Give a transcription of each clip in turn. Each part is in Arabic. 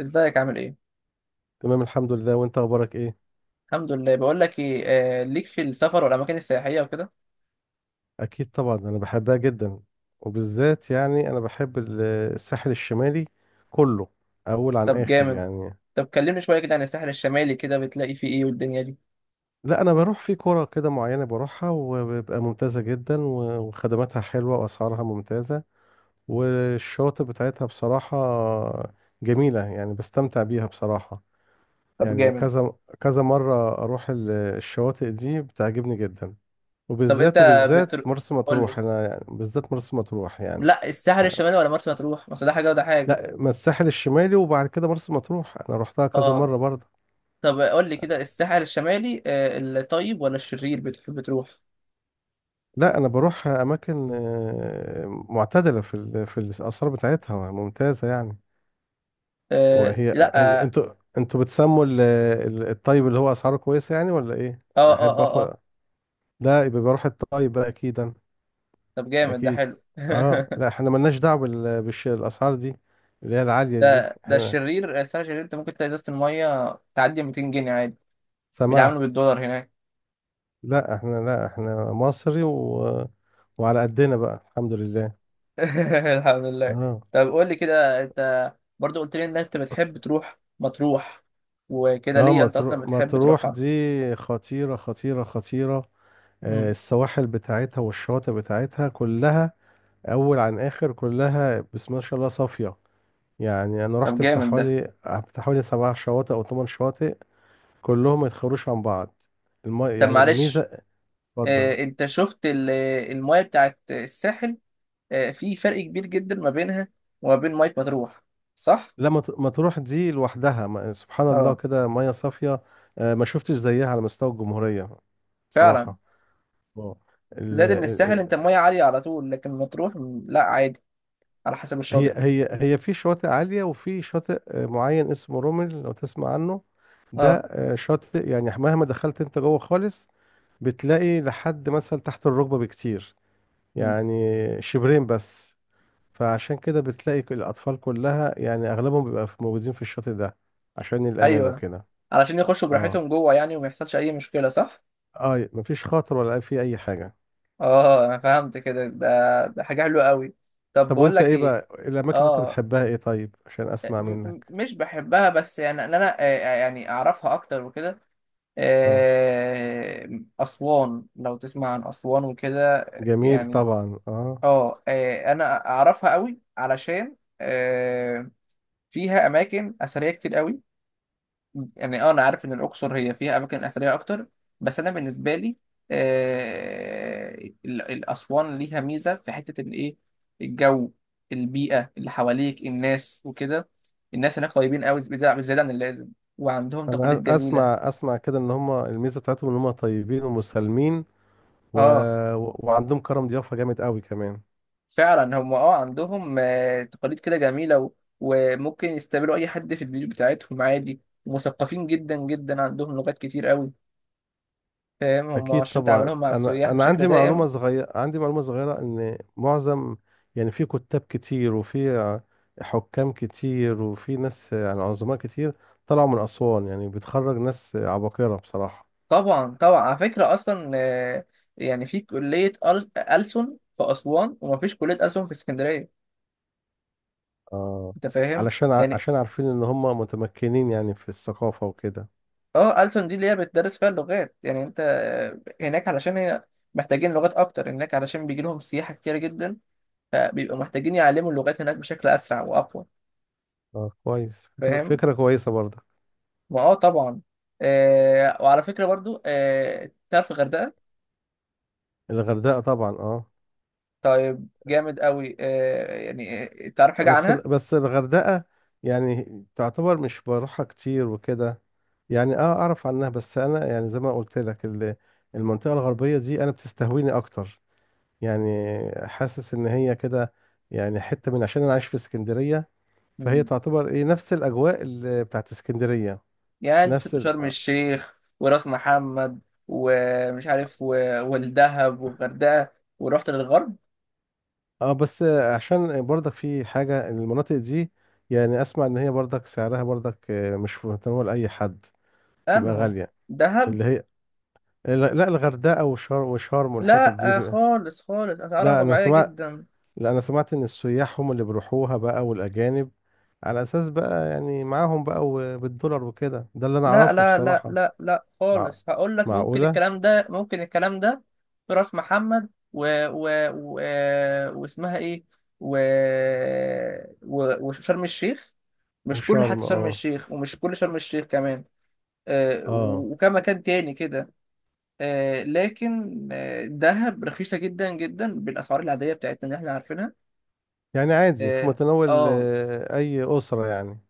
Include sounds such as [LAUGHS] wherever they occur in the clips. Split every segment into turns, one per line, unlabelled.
ازيك، عامل ايه؟
تمام، الحمد لله. وانت اخبارك ايه؟
الحمد لله. بقول لك ايه؟ آه ليك في السفر والاماكن السياحيه وكده.
اكيد طبعا، انا بحبها جدا. وبالذات يعني انا بحب الساحل الشمالي كله، اول عن
طب
اخر
جامد.
يعني.
طب كلمني شويه كده عن الساحل الشمالي، كده بتلاقي فيه ايه والدنيا دي؟
لا، انا بروح في كرة كده معينة، بروحها وبيبقى ممتازة جدا، و- وخدماتها حلوة واسعارها ممتازة. والشواطئ بتاعتها بصراحة جميلة، يعني بستمتع بيها بصراحة.
طب
يعني
جامد.
كذا كذا مرة اروح الشواطئ دي، بتعجبني جدا.
طب انت
وبالذات
بتر...
مرسى
قول لي،
مطروح، انا يعني بالذات مرسى مطروح يعني.
لا الساحل
ح-
الشمالي ولا مرسى مطروح، ما أصل ده حاجه وده حاجه.
لا، ما الساحل الشمالي وبعد كده مرسى مطروح، انا روحتها كذا
اه.
مره برضه.
طب قول لي كده، الساحل الشمالي الطيب ولا الشرير بتحب تروح؟
لا، انا بروح اماكن معتدله في في الاثار بتاعتها ممتازه يعني.
آه
وهي
لا.
أن-
اه
انتوا انتوا بتسموا الطيب اللي هو اسعاره كويسه يعني، ولا ايه؟
اه اه
احب
اه
اخد
اه.
لا، يبقى بروح الطيب بقى اكيد أنا.
طب جامد، ده
اكيد.
حلو.
اه،
[LAUGHS]
لا، احنا ملناش دعوه بالاسعار دي اللي هي العاليه دي
ده
احنا.
الشرير، الساحل الشرير، انت ممكن تلاقي ازازه الميه تعدي 200 جنيه عادي.
سمعت.
بيتعاملوا بالدولار هناك.
لا احنا مصري وعلى قدنا بقى، الحمد لله.
[LAUGHS] الحمد لله.
اه،
طب قول لي كده، انت برضو قلت لي ان انت بتحب تروح مطروح وكده،
اه.
ليه انت اصلا
مطروح
بتحب
مطروح
تروحها؟
دي خطيرة خطيرة خطيرة.
مم.
السواحل بتاعتها والشواطئ بتاعتها كلها أول عن آخر، كلها بسم الله ما شاء الله صافية. يعني أنا
طب
رحت بتاع
جامد ده.
حوالي بتاع حوالي 7 شواطئ أو 8 شواطئ، كلهم ما يتخروش عن بعض.
طب
يعني الميزة.
معلش،
اتفضل.
اه انت شفت المايه بتاعت الساحل؟ اه في فرق كبير جدا ما بينها وما بين ميه مطروح، صح؟
لا، مطروح دي لوحدها، سبحان الله
اه
كده ميه صافيه. ما شفتش زيها على مستوى الجمهوريه
فعلا.
صراحه. اه. ال-
زائد ان الساحل انت
ال-
المايه عاليه على طول، لكن مطروح لا عادي، على حسب
هي
الشاطئ.
هي هي في شواطئ عاليه وفي شاطئ معين اسمه رومل، لو تسمع عنه. ده
اه.
شاطئ، يعني مهما دخلت انت جوه خالص بتلاقي لحد مثلا تحت الركبه بكتير،
مم.
يعني شبرين بس. فعشان كده بتلاقي الاطفال كلها، يعني اغلبهم بيبقى موجودين في الشاطئ ده، عشان الامان
ايوه،
وكده.
علشان يخشوا
اه،
براحتهم جوه يعني وما يحصلش اي مشكله، صح؟
اه، مفيش خاطر ولا في اي حاجه.
اه انا فهمت كده، ده حاجه حلوه قوي. طب
طب،
بقول
وانت
لك
ايه
ايه،
بقى الاماكن اللي انت
اه
بتحبها ايه؟ طيب، عشان اسمع منك.
مش بحبها، بس يعني ان انا يعني اعرفها اكتر وكده.
اه.
آه، اسوان، لو تسمع عن اسوان وكده،
جميل
يعني
طبعا، اه.
اه، انا اعرفها قوي علشان فيها اماكن اثريه كتير قوي. يعني اه انا عارف ان الاقصر هي فيها اماكن اثريه اكتر، بس انا بالنسبه لي آه الاسوان ليها ميزه في حته ان ايه؟ الجو، البيئه اللي حواليك، الناس وكده. الناس هناك طيبين قوي زياده زيادة عن اللازم، وعندهم
انا أ-
تقاليد جميله.
اسمع اسمع كده ان هم الميزه بتاعتهم ان هم طيبين ومسالمين و...
اه
و- وعندهم كرم ضيافه جامد قوي كمان.
فعلا، هم عندهم تقاليد كده جميله وممكن يستقبلوا اي حد في البيوت بتاعتهم عادي، ومثقفين جدا جدا، عندهم لغات كتير قوي. فاهم، هم
اكيد
عشان
طبعا.
تعاملهم مع
انا
السياح
انا
بشكل
عندي معلومه
دائم.
صغيره عندي معلومه صغيره ان معظم، يعني في كتاب كتير وفي حكام كتير وفي ناس يعني عظماء كتير طلعوا من اسوان، يعني بتخرج ناس عباقره بصراحه.
طبعا طبعا، على فكرة أصلا يعني في كلية ألسن في أسوان ومفيش كلية ألسن في اسكندرية.
اه.
أنت فاهم؟
علشان ع-
يعني
عشان عارفين ان هم متمكنين يعني في الثقافة وكده.
ألسن دي اللي هي بتدرس فيها اللغات. يعني أنت هناك علشان هي محتاجين لغات أكتر هناك، علشان بيجي لهم سياحة كتير جدا، فبيبقوا محتاجين يعلموا اللغات هناك بشكل أسرع وأقوى.
اه، كويس. فكرة
فاهم؟
فكرة كويسة برضك.
ما طبعا. وعلى فكرة برضو، تعرف الغردقة؟
الغردقة؟ طبعا، اه.
طيب جامد قوي. يعني تعرف حاجة عنها؟
بس الغردقة يعني تعتبر، مش بروحها كتير وكده. يعني اه، اعرف عنها، بس انا يعني زي ما قلت لك المنطقة الغربية دي انا بتستهويني اكتر. يعني حاسس ان هي كده، يعني حتة من عشان انا عايش في اسكندرية، فهي تعتبر ايه نفس الاجواء اللي بتاعت اسكندرية،
يعني انت
نفس،
سبت شرم الشيخ وراس محمد ومش عارف والدهب والغردقه، ورحت للغرب.
اه. بس عشان برضك في حاجة المناطق دي، يعني اسمع ان هي برضك سعرها برضك مش في متناول اي حد، تبقى
انهو؟
غالية
دهب؟
اللي هي. لا، لا، الغردقة وشرم وشرم والحتت دي
لا
بقى.
خالص خالص، اسعارها
لا انا
طبيعيه
سمعت
جدا.
لا انا سمعت ان السياح هم اللي بيروحوها بقى، والاجانب، على اساس بقى يعني معاهم بقى وبالدولار وكده، ده اللي انا
لا
اعرفه
لا لا
بصراحة.
لا لا
مع...
خالص، هقول لك، ممكن
معقولة؟
الكلام ده، ممكن الكلام ده في راس محمد و... واسمها ايه و... وشرم الشيخ. مش كل
وشرم،
حتى شرم
اه.
الشيخ، ومش كل شرم الشيخ كمان،
اه،
وكم مكان تاني كده. لكن الذهب رخيصة جدا جدا بالأسعار العادية بتاعتنا اللي احنا عارفينها.
يعني عادي في
اه.
متناول
آه،
اي اسرة يعني.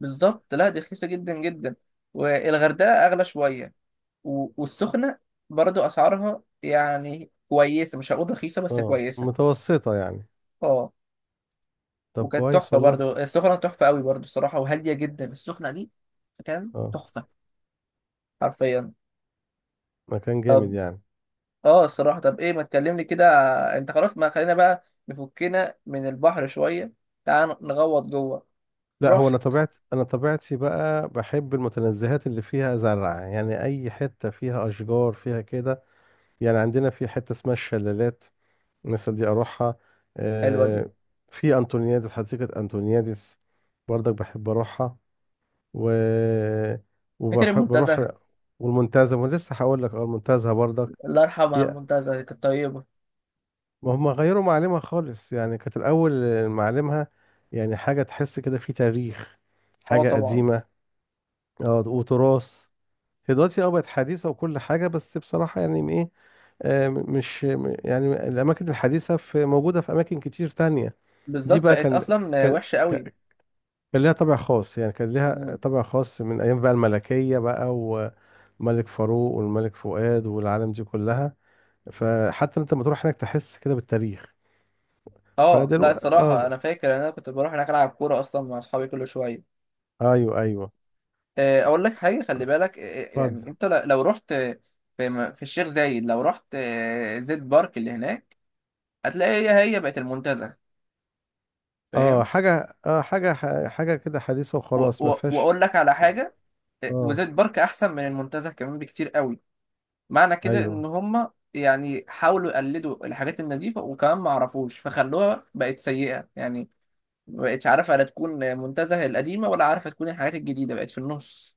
بالظبط، لا دي رخيصة جدا جدا. والغردقة أغلى شوية، والسخنة برضو أسعارها يعني كويسة، مش هقول رخيصة بس
اه،
كويسة.
متوسطة يعني.
اه.
طب،
وكانت
كويس
تحفة
والله.
برضو السخنة، تحفة قوي برضو الصراحة، وهادية جدا السخنة دي. كان
اه،
تحفة حرفيا.
مكان
طب
جامد يعني.
اه الصراحه، طب ايه ما تكلمني كده، انت خلاص، ما خلينا بقى نفكنا من البحر شويه، تعال نغوط جوه.
لا هو انا
رحت.
طبيعت انا طبيعتي بقى بحب المتنزهات اللي فيها زرع، يعني اي حته فيها اشجار فيها كده. يعني عندنا في حته اسمها الشلالات، مثلا دي اروحها.
حلوه دي.
آه في انطونيادس، حديقه انطونيادس، برضك بحب اروحها. و
فاكر
وبروح
المنتزه؟
بروح والمنتزه، ولسه هقول لك اه المنتزه برضك.
الله يرحمها،
هي
المنتزه دي كانت طيبه.
ما هم غيروا معالمها خالص، يعني كانت الأول معالمها يعني حاجة تحس كده في تاريخ،
اه
حاجة
طبعا.
قديمة. اه، وتراث. هي دلوقتي اه بقت حديثة وكل حاجة، بس بصراحة يعني ايه. آه م- مش م- يعني الأماكن الحديثة في موجودة في أماكن كتير تانية. دي
بالظبط،
بقى
بقت اصلا
كان
وحشه قوي.
ك- كان ليها طابع خاص، يعني كان ليها
مم.
طابع خاص من أيام بقى الملكية بقى، وملك فاروق والملك فؤاد والعالم دي كلها. فحتى انت لما تروح هناك تحس كده بالتاريخ.
اه لا
فدلوقتي
الصراحه،
اه.
انا فاكر ان انا كنت بروح هناك العب كوره اصلا مع اصحابي كل شويه.
ايوه، ايوه.
اقول لك حاجه، خلي بالك،
اتفضل.
يعني انت لو رحت في في الشيخ زايد، لو رحت زيت بارك اللي هناك، هتلاقي هي بقت المنتزه.
اه،
فاهم.
حاجه كده حديثه وخلاص ما فيهاش.
واقول لك على حاجه،
اه،
وزيت بارك احسن من المنتزه كمان بكتير قوي. معنى كده
ايوه.
ان هم يعني حاولوا يقلدوا الحاجات النظيفه، وكمان ما عرفوش فخلوها بقت سيئه يعني، ما بقتش عارفه لا تكون منتزه القديمه، ولا عارفه تكون الحاجات الجديده، بقت في النص.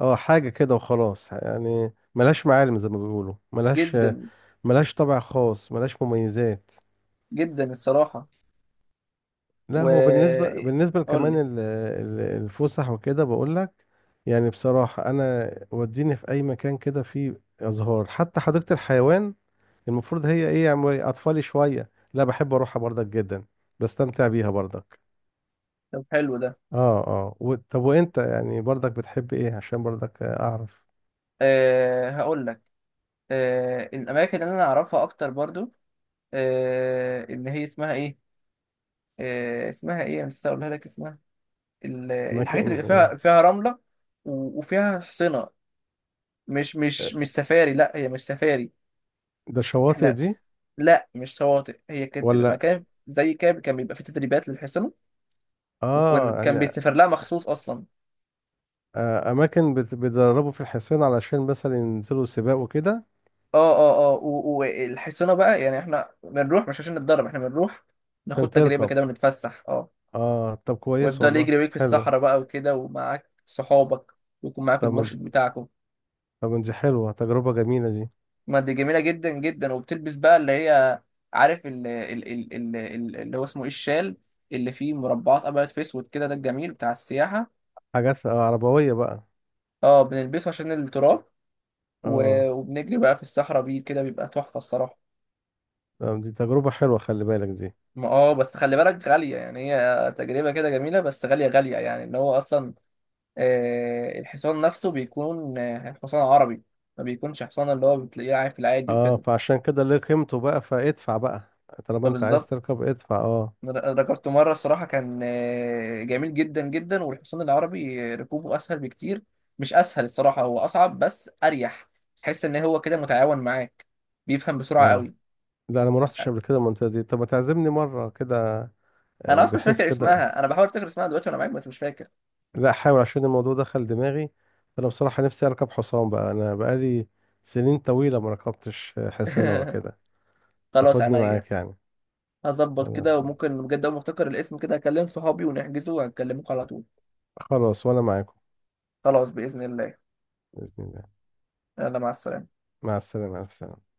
اه، حاجه كده وخلاص، يعني ملهاش معالم زي ما بيقولوا، ملهاش.
جدا
ملهاش طابع خاص، ملهاش مميزات.
جدا الصراحه.
لا
و
هو بالنسبه
قول
كمان
لي.
الفسح وكده بقول لك. يعني بصراحه انا وديني في اي مكان كده فيه ازهار، حتى حديقه الحيوان المفروض هي ايه، يعني اطفالي شويه، لا بحب اروحها برضك جدا، بستمتع بيها برضك.
طب حلو ده.
اه، اه. طب، وانت يعني برضك بتحب ايه؟ عشان برضك اعرف.
هقول لك. الاماكن اللي انا اعرفها اكتر برضو، اللي هي اسمها ايه، اسمها ايه، مش هقولها لك اسمها. الحاجات اللي
اماكن
بيبقى
ايه؟
فيها رملة، وفيها حصينة. مش سفاري، لا هي مش سفاري.
ده الشواطئ
احنا،
دي
لا مش شواطئ، هي كانت بتبقى
ولا؟
مكان زي كده كان بيبقى فيه تدريبات للحصنة،
اه،
وكان
يعني.
بيتسافر لها مخصوص اصلا.
اماكن بيدربوا في الحصان علشان مثلا ينزلوا سباق وكده.
اه اه اه، والحصنة بقى يعني احنا بنروح مش عشان نتدرب، احنا بنروح ناخد
عشان
تجربة
تركب.
كده ونتفسح. اه.
اه، طب كويس
ويفضل
والله،
يجري بيك في
حلو.
الصحراء بقى وكده ومعاك صحابك، ويكون معاك
طب من...
المرشد بتاعك.
طب من دي حلوة، تجربة جميلة دي.
ما دي جميله جدا جدا، وبتلبس بقى اللي هي، عارف، اللي هو اسمه ايه، الشال، اللي فيه مربعات ابيض في اسود كده، ده الجميل بتاع السياحه.
حاجات عربوية بقى.
اه، بنلبسه عشان التراب،
اه،
وبنجري بقى في الصحراء بيه كده، بيبقى تحفه الصراحه.
طب دي تجربة حلوة، خلي بالك دي.
ما بس خلي بالك غاليه، يعني هي تجربه كده جميله بس غاليه غاليه، يعني ان هو اصلا الحصان نفسه بيكون حصان عربي، ما بيكونش حصان اللي هو بتلاقيه عارف العادي
اه،
وكده.
فعشان كده ليه قيمته بقى، فادفع بقى طالما انت عايز
فبالظبط.
تركب، ادفع اه.
ركبت مرة الصراحة، كان جميل جدا جدا، والحصان العربي ركوبه أسهل بكتير. مش أسهل الصراحة، هو أصعب بس أريح. تحس إن هو كده متعاون معاك، بيفهم بسرعة
اه،
قوي.
لا انا ما رحتش قبل كده المنطقه دي، طب ما تعزمني مره كده،
أنا أصلا مش
بحيث
فاكر
كده.
اسمها، أنا بحاول أفتكر اسمها دلوقتي وأنا معاك بس مش فاكر.
لا، احاول عشان الموضوع دخل دماغي. انا بصراحه نفسي اركب حصان بقى، انا بقالي سنين طويله ما ركبتش حصان ولا
[LAUGHS]
كده.
خلاص
تاخدني
عينيا،
معاك يعني.
هظبط كده،
خلاص.
وممكن بجد أول ما أفتكر الاسم كده أكلم صحابي ونحجزه وهكلمكم على طول.
خلاص، وانا معاكم.
خلاص بإذن الله.
باذن الله.
يلا مع السلامة.
مع السلامه، الف سلامه.